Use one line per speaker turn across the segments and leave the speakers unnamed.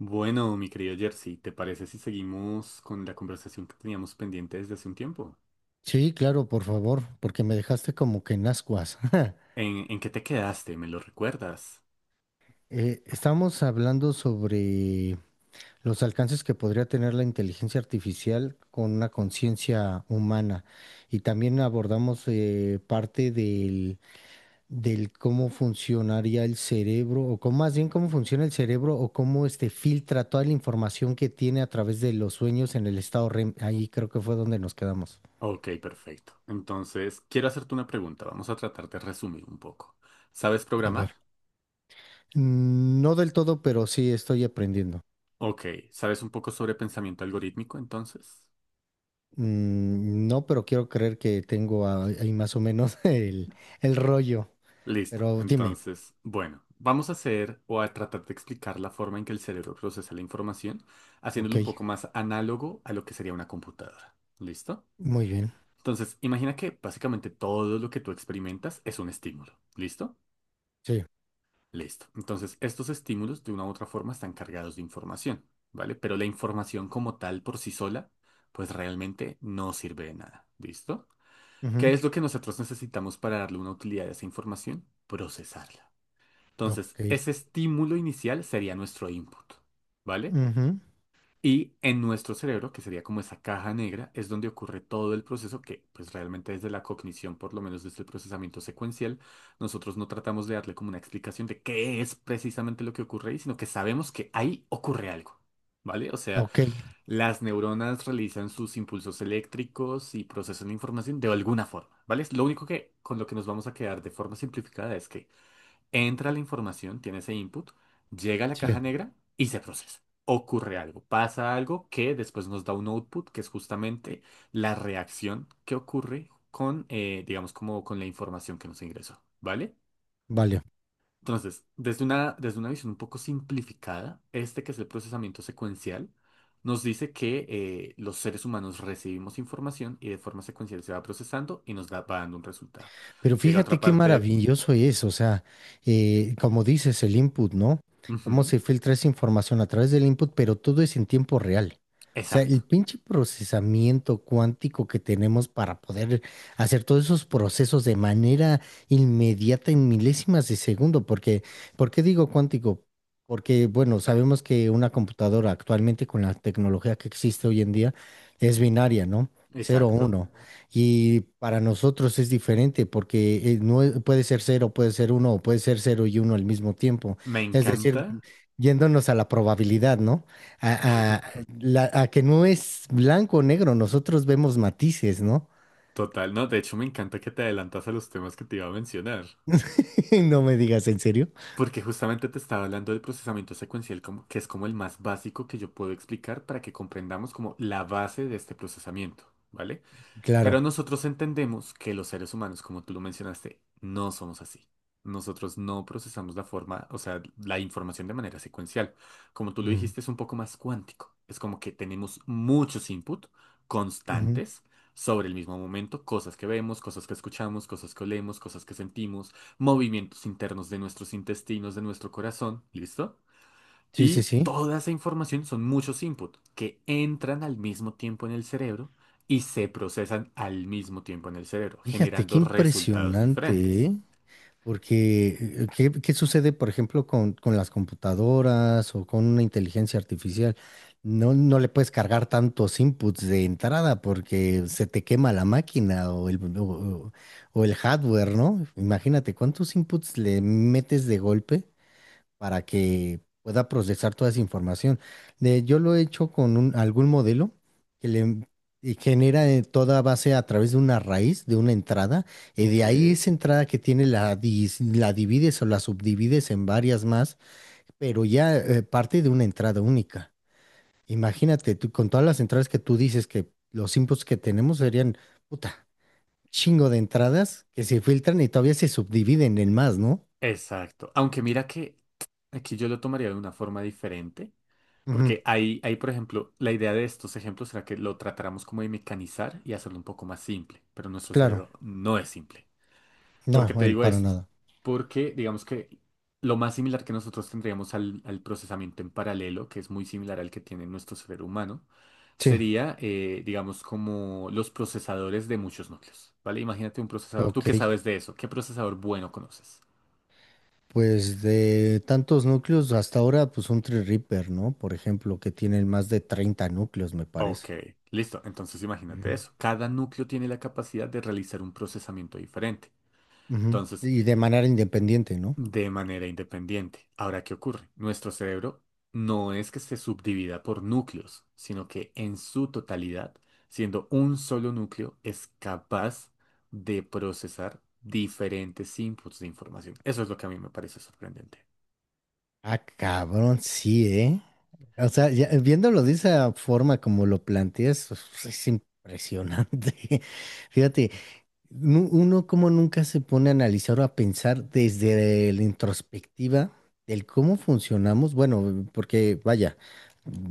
Bueno, mi querido Jersey, ¿te parece si seguimos con la conversación que teníamos pendiente desde hace un tiempo?
Sí, claro, por favor, porque me dejaste como que en ascuas.
¿En qué te quedaste? ¿Me lo recuerdas?
Estamos hablando sobre los alcances que podría tener la inteligencia artificial con una conciencia humana y también abordamos parte del cómo funcionaría el cerebro o cómo, más bien cómo funciona el cerebro o cómo este filtra toda la información que tiene a través de los sueños en el estado REM. Ahí creo que fue donde nos quedamos.
Ok, perfecto. Entonces, quiero hacerte una pregunta. Vamos a tratar de resumir un poco. ¿Sabes
A
programar?
ver. No del todo, pero sí estoy aprendiendo.
Ok. ¿Sabes un poco sobre pensamiento algorítmico entonces?
No, pero quiero creer que tengo ahí más o menos el rollo.
Listo.
Pero dime,
Entonces, bueno, vamos a hacer o a tratar de explicar la forma en que el cerebro procesa la información, haciéndolo
ok,
un poco más análogo a lo que sería una computadora. ¿Listo?
muy bien,
Entonces, imagina que básicamente todo lo que tú experimentas es un estímulo. ¿Listo?
sí,
Listo. Entonces, estos estímulos de una u otra forma están cargados de información, ¿vale? Pero la información como tal por sí sola, pues realmente no sirve de nada. ¿Listo? ¿Qué
ujú,
es lo que nosotros necesitamos para darle una utilidad a esa información? Procesarla. Entonces,
ok,
ese estímulo inicial sería nuestro input, ¿vale?
ujú,
Y en nuestro cerebro, que sería como esa caja negra, es donde ocurre todo el proceso que, pues realmente desde la cognición, por lo menos desde el procesamiento secuencial, nosotros no tratamos de darle como una explicación de qué es precisamente lo que ocurre ahí, sino que sabemos que ahí ocurre algo, ¿vale? O sea,
ok,
las neuronas realizan sus impulsos eléctricos y procesan la información de alguna forma, ¿vale? Es lo único que con lo que nos vamos a quedar de forma simplificada es que entra la información, tiene ese input, llega a la
sí,
caja negra y se procesa. Ocurre algo, pasa algo que después nos da un output, que es justamente la reacción que ocurre con, digamos, como con la información que nos ingresó, ¿vale?
vale.
Entonces, desde una visión un poco simplificada, este que es el procesamiento secuencial, nos dice que los seres humanos recibimos información y de forma secuencial se va procesando y nos da, va dando un resultado.
Pero
Llega a otra
fíjate qué
parte.
maravilloso es, o sea, como dices, el input, ¿no? Cómo
Ujú,
se filtra esa información a través del input, pero todo es en tiempo real. O sea,
exacto,
el pinche procesamiento cuántico que tenemos para poder hacer todos esos procesos de manera inmediata en milésimas de segundo, porque, ¿por qué digo cuántico? Porque, bueno, sabemos que una computadora actualmente con la tecnología que existe hoy en día es binaria, no. Cero
exacto.
uno. Y para nosotros es diferente porque no es- puede ser cero, puede ser uno o puede ser cero y uno al mismo tiempo.
Me
Es decir,
encanta,
yéndonos a la probabilidad, ¿no? A, a- a que no es blanco o negro, nosotros vemos matices, ¿no?
total, no, de hecho me encanta que te adelantas a los temas que te iba a mencionar,
No me digas, en serio.
porque justamente te estaba hablando del procesamiento secuencial, como, que es como el más básico que yo puedo explicar para que comprendamos como la base de este procesamiento, ¿vale?
Claro.
Pero nosotros entendemos que los seres humanos, como tú lo mencionaste, no somos así. Nosotros no procesamos la forma, o sea, la información de manera secuencial. Como tú lo
Ujú,
dijiste, es un poco más cuántico. Es como que tenemos muchos input
ujú.
constantes sobre el mismo momento, cosas que vemos, cosas que escuchamos, cosas que olemos, cosas que sentimos, movimientos internos de nuestros intestinos, de nuestro corazón, ¿listo?
Sí, sí,
Y
sí.
toda esa información son muchos inputs que entran al mismo tiempo en el cerebro y se procesan al mismo tiempo en el cerebro,
Fíjate, qué
generando resultados
impresionante,
diferentes.
¿eh? Porque, ¿qué, qué sucede, por ejemplo, con las computadoras o con una inteligencia artificial? No, no le puedes cargar tantos inputs de entrada porque se te quema la máquina o o el hardware, ¿no? Imagínate cuántos inputs le metes de golpe para que pueda procesar toda esa información. De, yo lo he hecho con algún modelo que le y genera toda base a través de una raíz, de una entrada, y
Ok,
de ahí esa entrada que tiene la divides o la subdivides en varias más, pero ya parte de una entrada única. Imagínate, tú, con todas las entradas que tú dices que los inputs que tenemos serían, puta, chingo de entradas que se filtran y todavía se subdividen en más, ¿no?
exacto. Aunque mira que aquí yo lo tomaría de una forma diferente,
Ujú,
porque ahí, por ejemplo, la idea de estos ejemplos será que lo tratáramos como de mecanizar y hacerlo un poco más simple, pero nuestro
claro,
cerebro no es simple. ¿Por
no,
qué te digo
para
esto?
nada.
Porque digamos que lo más similar que nosotros tendríamos al procesamiento en paralelo, que es muy similar al que tiene nuestro cerebro humano,
Sí.
sería, digamos, como los procesadores de muchos núcleos, ¿vale? Imagínate un procesador, ¿tú
Ok,
qué sabes de eso? ¿Qué procesador bueno conoces?
pues de tantos núcleos hasta ahora, pues un Tree Reaper, ¿no? Por ejemplo, que tienen más de 30 núcleos, me
Ok,
parece.
listo. Entonces imagínate
Ujú.
eso. Cada núcleo tiene la capacidad de realizar un procesamiento diferente.
Ujú.
Entonces,
Y de manera independiente, ¿no?
de manera independiente. Ahora, ¿qué ocurre? Nuestro cerebro no es que se subdivida por núcleos, sino que en su totalidad, siendo un solo núcleo, es capaz de procesar diferentes inputs de información. Eso es lo que a mí me parece sorprendente.
Ah, cabrón, sí, ¿eh? O sea, ya, viéndolo de esa forma como lo planteas, pues, es impresionante. Fíjate, uno como nunca se pone a analizar o a pensar desde la introspectiva del cómo funcionamos, bueno, porque vaya,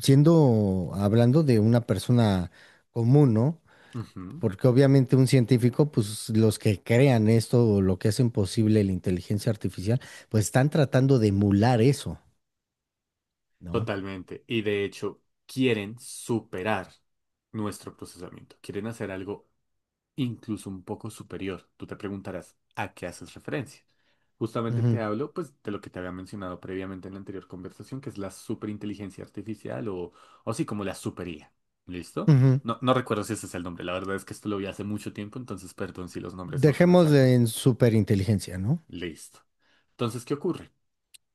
siendo, hablando de una persona común, ¿no?
Ujú,
Porque obviamente un científico, pues los que crean esto o lo que hacen posible la inteligencia artificial, pues están tratando de emular eso, no.
totalmente. Y de hecho, quieren superar nuestro procesamiento. Quieren hacer algo incluso un poco superior. Tú te preguntarás, ¿a qué haces referencia? Justamente te
Ujú,
hablo, pues, de lo que te había mencionado previamente en la anterior conversación, que es la superinteligencia artificial o sí, como la supería. ¿Listo?
ujú.
No, no recuerdo si ese es el nombre. La verdad es que esto lo vi hace mucho tiempo, entonces perdón si los nombres no son
Dejemos de
exactos.
en superinteligencia, ¿no?
Listo. Entonces, ¿qué ocurre?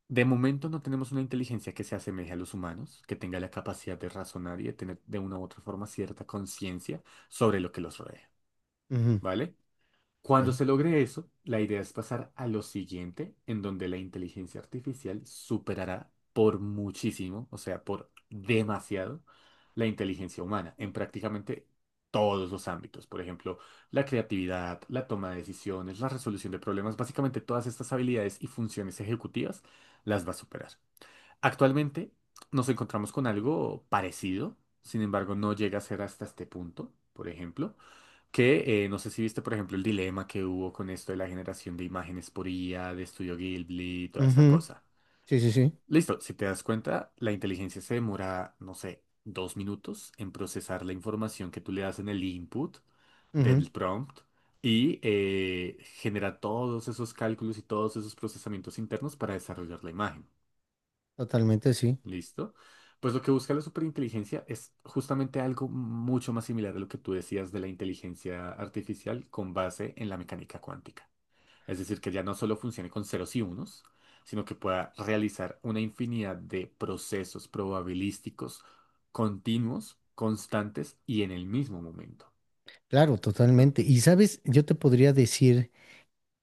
De momento no tenemos una inteligencia que se asemeje a los humanos, que tenga la capacidad de razonar y de tener de una u otra forma cierta conciencia sobre lo que los rodea,
Ujú,
¿vale? Cuando
ok.
se logre eso, la idea es pasar a lo siguiente, en donde la inteligencia artificial superará por muchísimo, o sea, por demasiado, la inteligencia humana en prácticamente todos los ámbitos. Por ejemplo, la creatividad, la toma de decisiones, la resolución de problemas, básicamente todas estas habilidades y funciones ejecutivas las va a superar. Actualmente nos encontramos con algo parecido, sin embargo, no llega a ser hasta este punto, por ejemplo. Que no sé si viste, por ejemplo, el dilema que hubo con esto de la generación de imágenes por IA, de Estudio Ghibli, toda esa
Ujú,
cosa.
sí, sí, sí.
Listo, si te das cuenta, la inteligencia se demora, no sé, dos minutos en procesar la información que tú le das en el input
Ujú,
del prompt y genera todos esos cálculos y todos esos procesamientos internos para desarrollar la imagen.
totalmente, sí.
¿Listo? Pues lo que busca la superinteligencia es justamente algo mucho más similar a lo que tú decías de la inteligencia artificial con base en la mecánica cuántica. Es decir, que ya no solo funcione con ceros y unos, sino que pueda realizar una infinidad de procesos probabilísticos continuos, constantes y en el mismo momento.
Claro,
¿No?
totalmente. Y sabes, yo te podría decir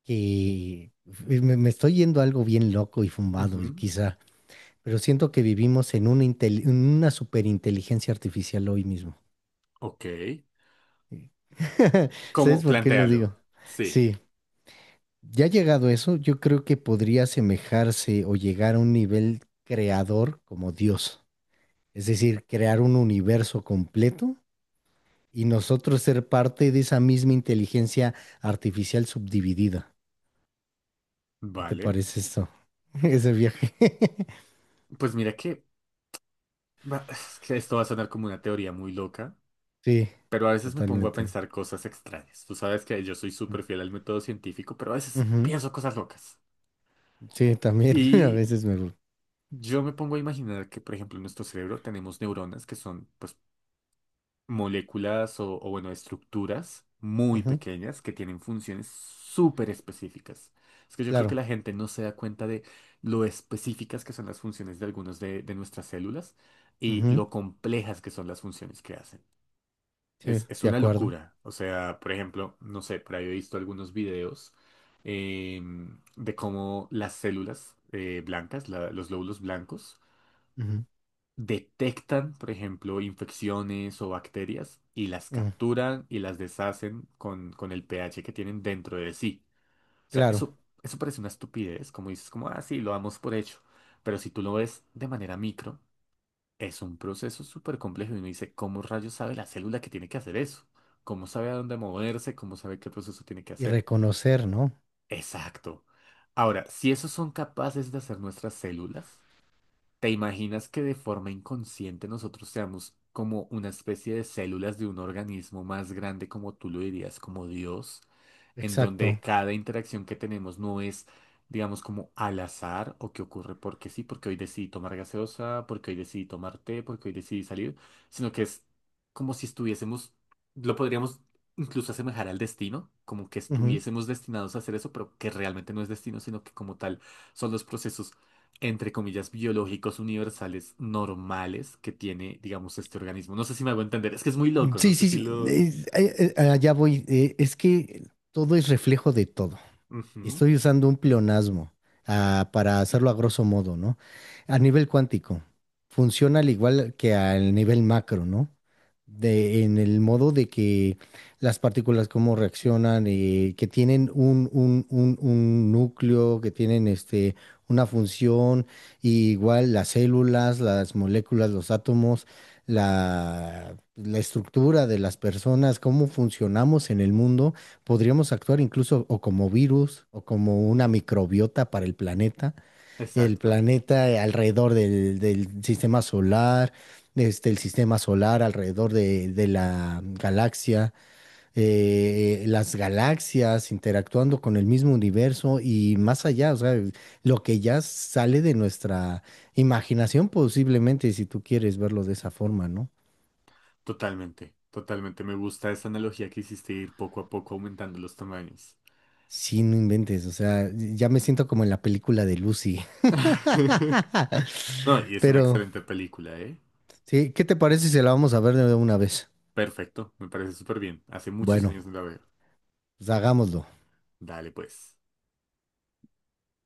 que me estoy yendo a algo bien loco y fumado, y
Ujú,
quizá, pero siento que vivimos en una, en una superinteligencia artificial hoy mismo.
ok. ¿Cómo?
¿Sabes por qué lo
Plantéalo.
digo?
Sí.
Sí, ya llegado a eso, yo creo que podría asemejarse o llegar a un nivel creador como Dios, es decir, crear un universo completo y nosotros ser parte de esa misma inteligencia artificial subdividida. ¿Qué te
Vale.
parece esto? Ese viaje.
Pues mira que, es que esto va a sonar como una teoría muy loca.
Sí,
Pero a veces me pongo a
totalmente.
pensar cosas extrañas. Tú sabes que yo soy súper fiel al método científico, pero a veces
Ujú.
pienso cosas locas.
Sí, también a
Y
veces me gusta.
yo me pongo a imaginar que, por ejemplo, en nuestro cerebro tenemos neuronas que son, pues, moléculas o, bueno, estructuras muy
Ujú,
pequeñas que tienen funciones súper específicas. Es que yo creo que
claro.
la gente no se da cuenta de lo específicas que son las funciones de algunas de nuestras células y
Ujú.
lo complejas que son las funciones que hacen.
Sí,
Es
de
una
acuerdo.
locura. O sea, por ejemplo, no sé, por ahí he visto algunos videos de cómo las células blancas, los glóbulos blancos,
Ujú.
detectan, por ejemplo, infecciones o bacterias y las
Ujú.
capturan y las deshacen con el pH que tienen dentro de sí. O sea,
Claro.
eso parece una estupidez, como dices, como, ah, sí, lo damos por hecho. Pero si tú lo ves de manera micro, es un proceso súper complejo y uno dice, ¿cómo rayos sabe la célula que tiene que hacer eso? ¿Cómo sabe a dónde moverse? ¿Cómo sabe qué proceso tiene que
Y
hacer?
reconocer, ¿no?
Exacto. Ahora, si esos son capaces de hacer nuestras células, ¿te imaginas que de forma inconsciente nosotros seamos como una especie de células de un organismo más grande, como tú lo dirías, como Dios? En donde
Exacto.
cada interacción que tenemos no es, digamos, como al azar o que ocurre porque sí, porque hoy decidí tomar gaseosa, porque hoy decidí tomar té, porque hoy decidí salir, sino que es como si estuviésemos, lo podríamos incluso asemejar al destino, como que
Ujú.
estuviésemos destinados a hacer eso, pero que realmente no es destino, sino que como tal son los procesos. Entre comillas, biológicos universales normales que tiene, digamos, este organismo. No sé si me hago entender, es que es muy loco, no
Sí,
sé
sí,
si
sí.
lo...
Allá voy. Es que todo es reflejo de todo.
Ujú,
Estoy usando un pleonasmo, ah, para hacerlo a grosso modo, ¿no? A nivel cuántico, funciona al igual que al nivel macro, ¿no? De, en el modo de que las partículas cómo reaccionan, que tienen un núcleo, que tienen este, una función, y igual las células, las moléculas, los átomos, la estructura de las personas, cómo funcionamos en el mundo. Podríamos actuar incluso o como virus o como una microbiota para el
exacto.
planeta alrededor del sistema solar, este, el sistema solar alrededor de la galaxia, las galaxias interactuando con el mismo universo y más allá, o sea, lo que ya sale de nuestra imaginación posiblemente, si tú quieres verlo de esa forma, ¿no?
Totalmente, totalmente. Me gusta esa analogía que hiciste, ir poco a poco aumentando los tamaños.
Sí, no inventes, o sea, ya me siento como en la película de Lucy,
No, y es una
pero...
excelente película, ¿eh?
Sí, ¿qué te parece si la vamos a ver de una vez?
Perfecto, me parece súper bien. Hace muchos
Bueno,
años no la veo.
pues hagámoslo.
Dale pues.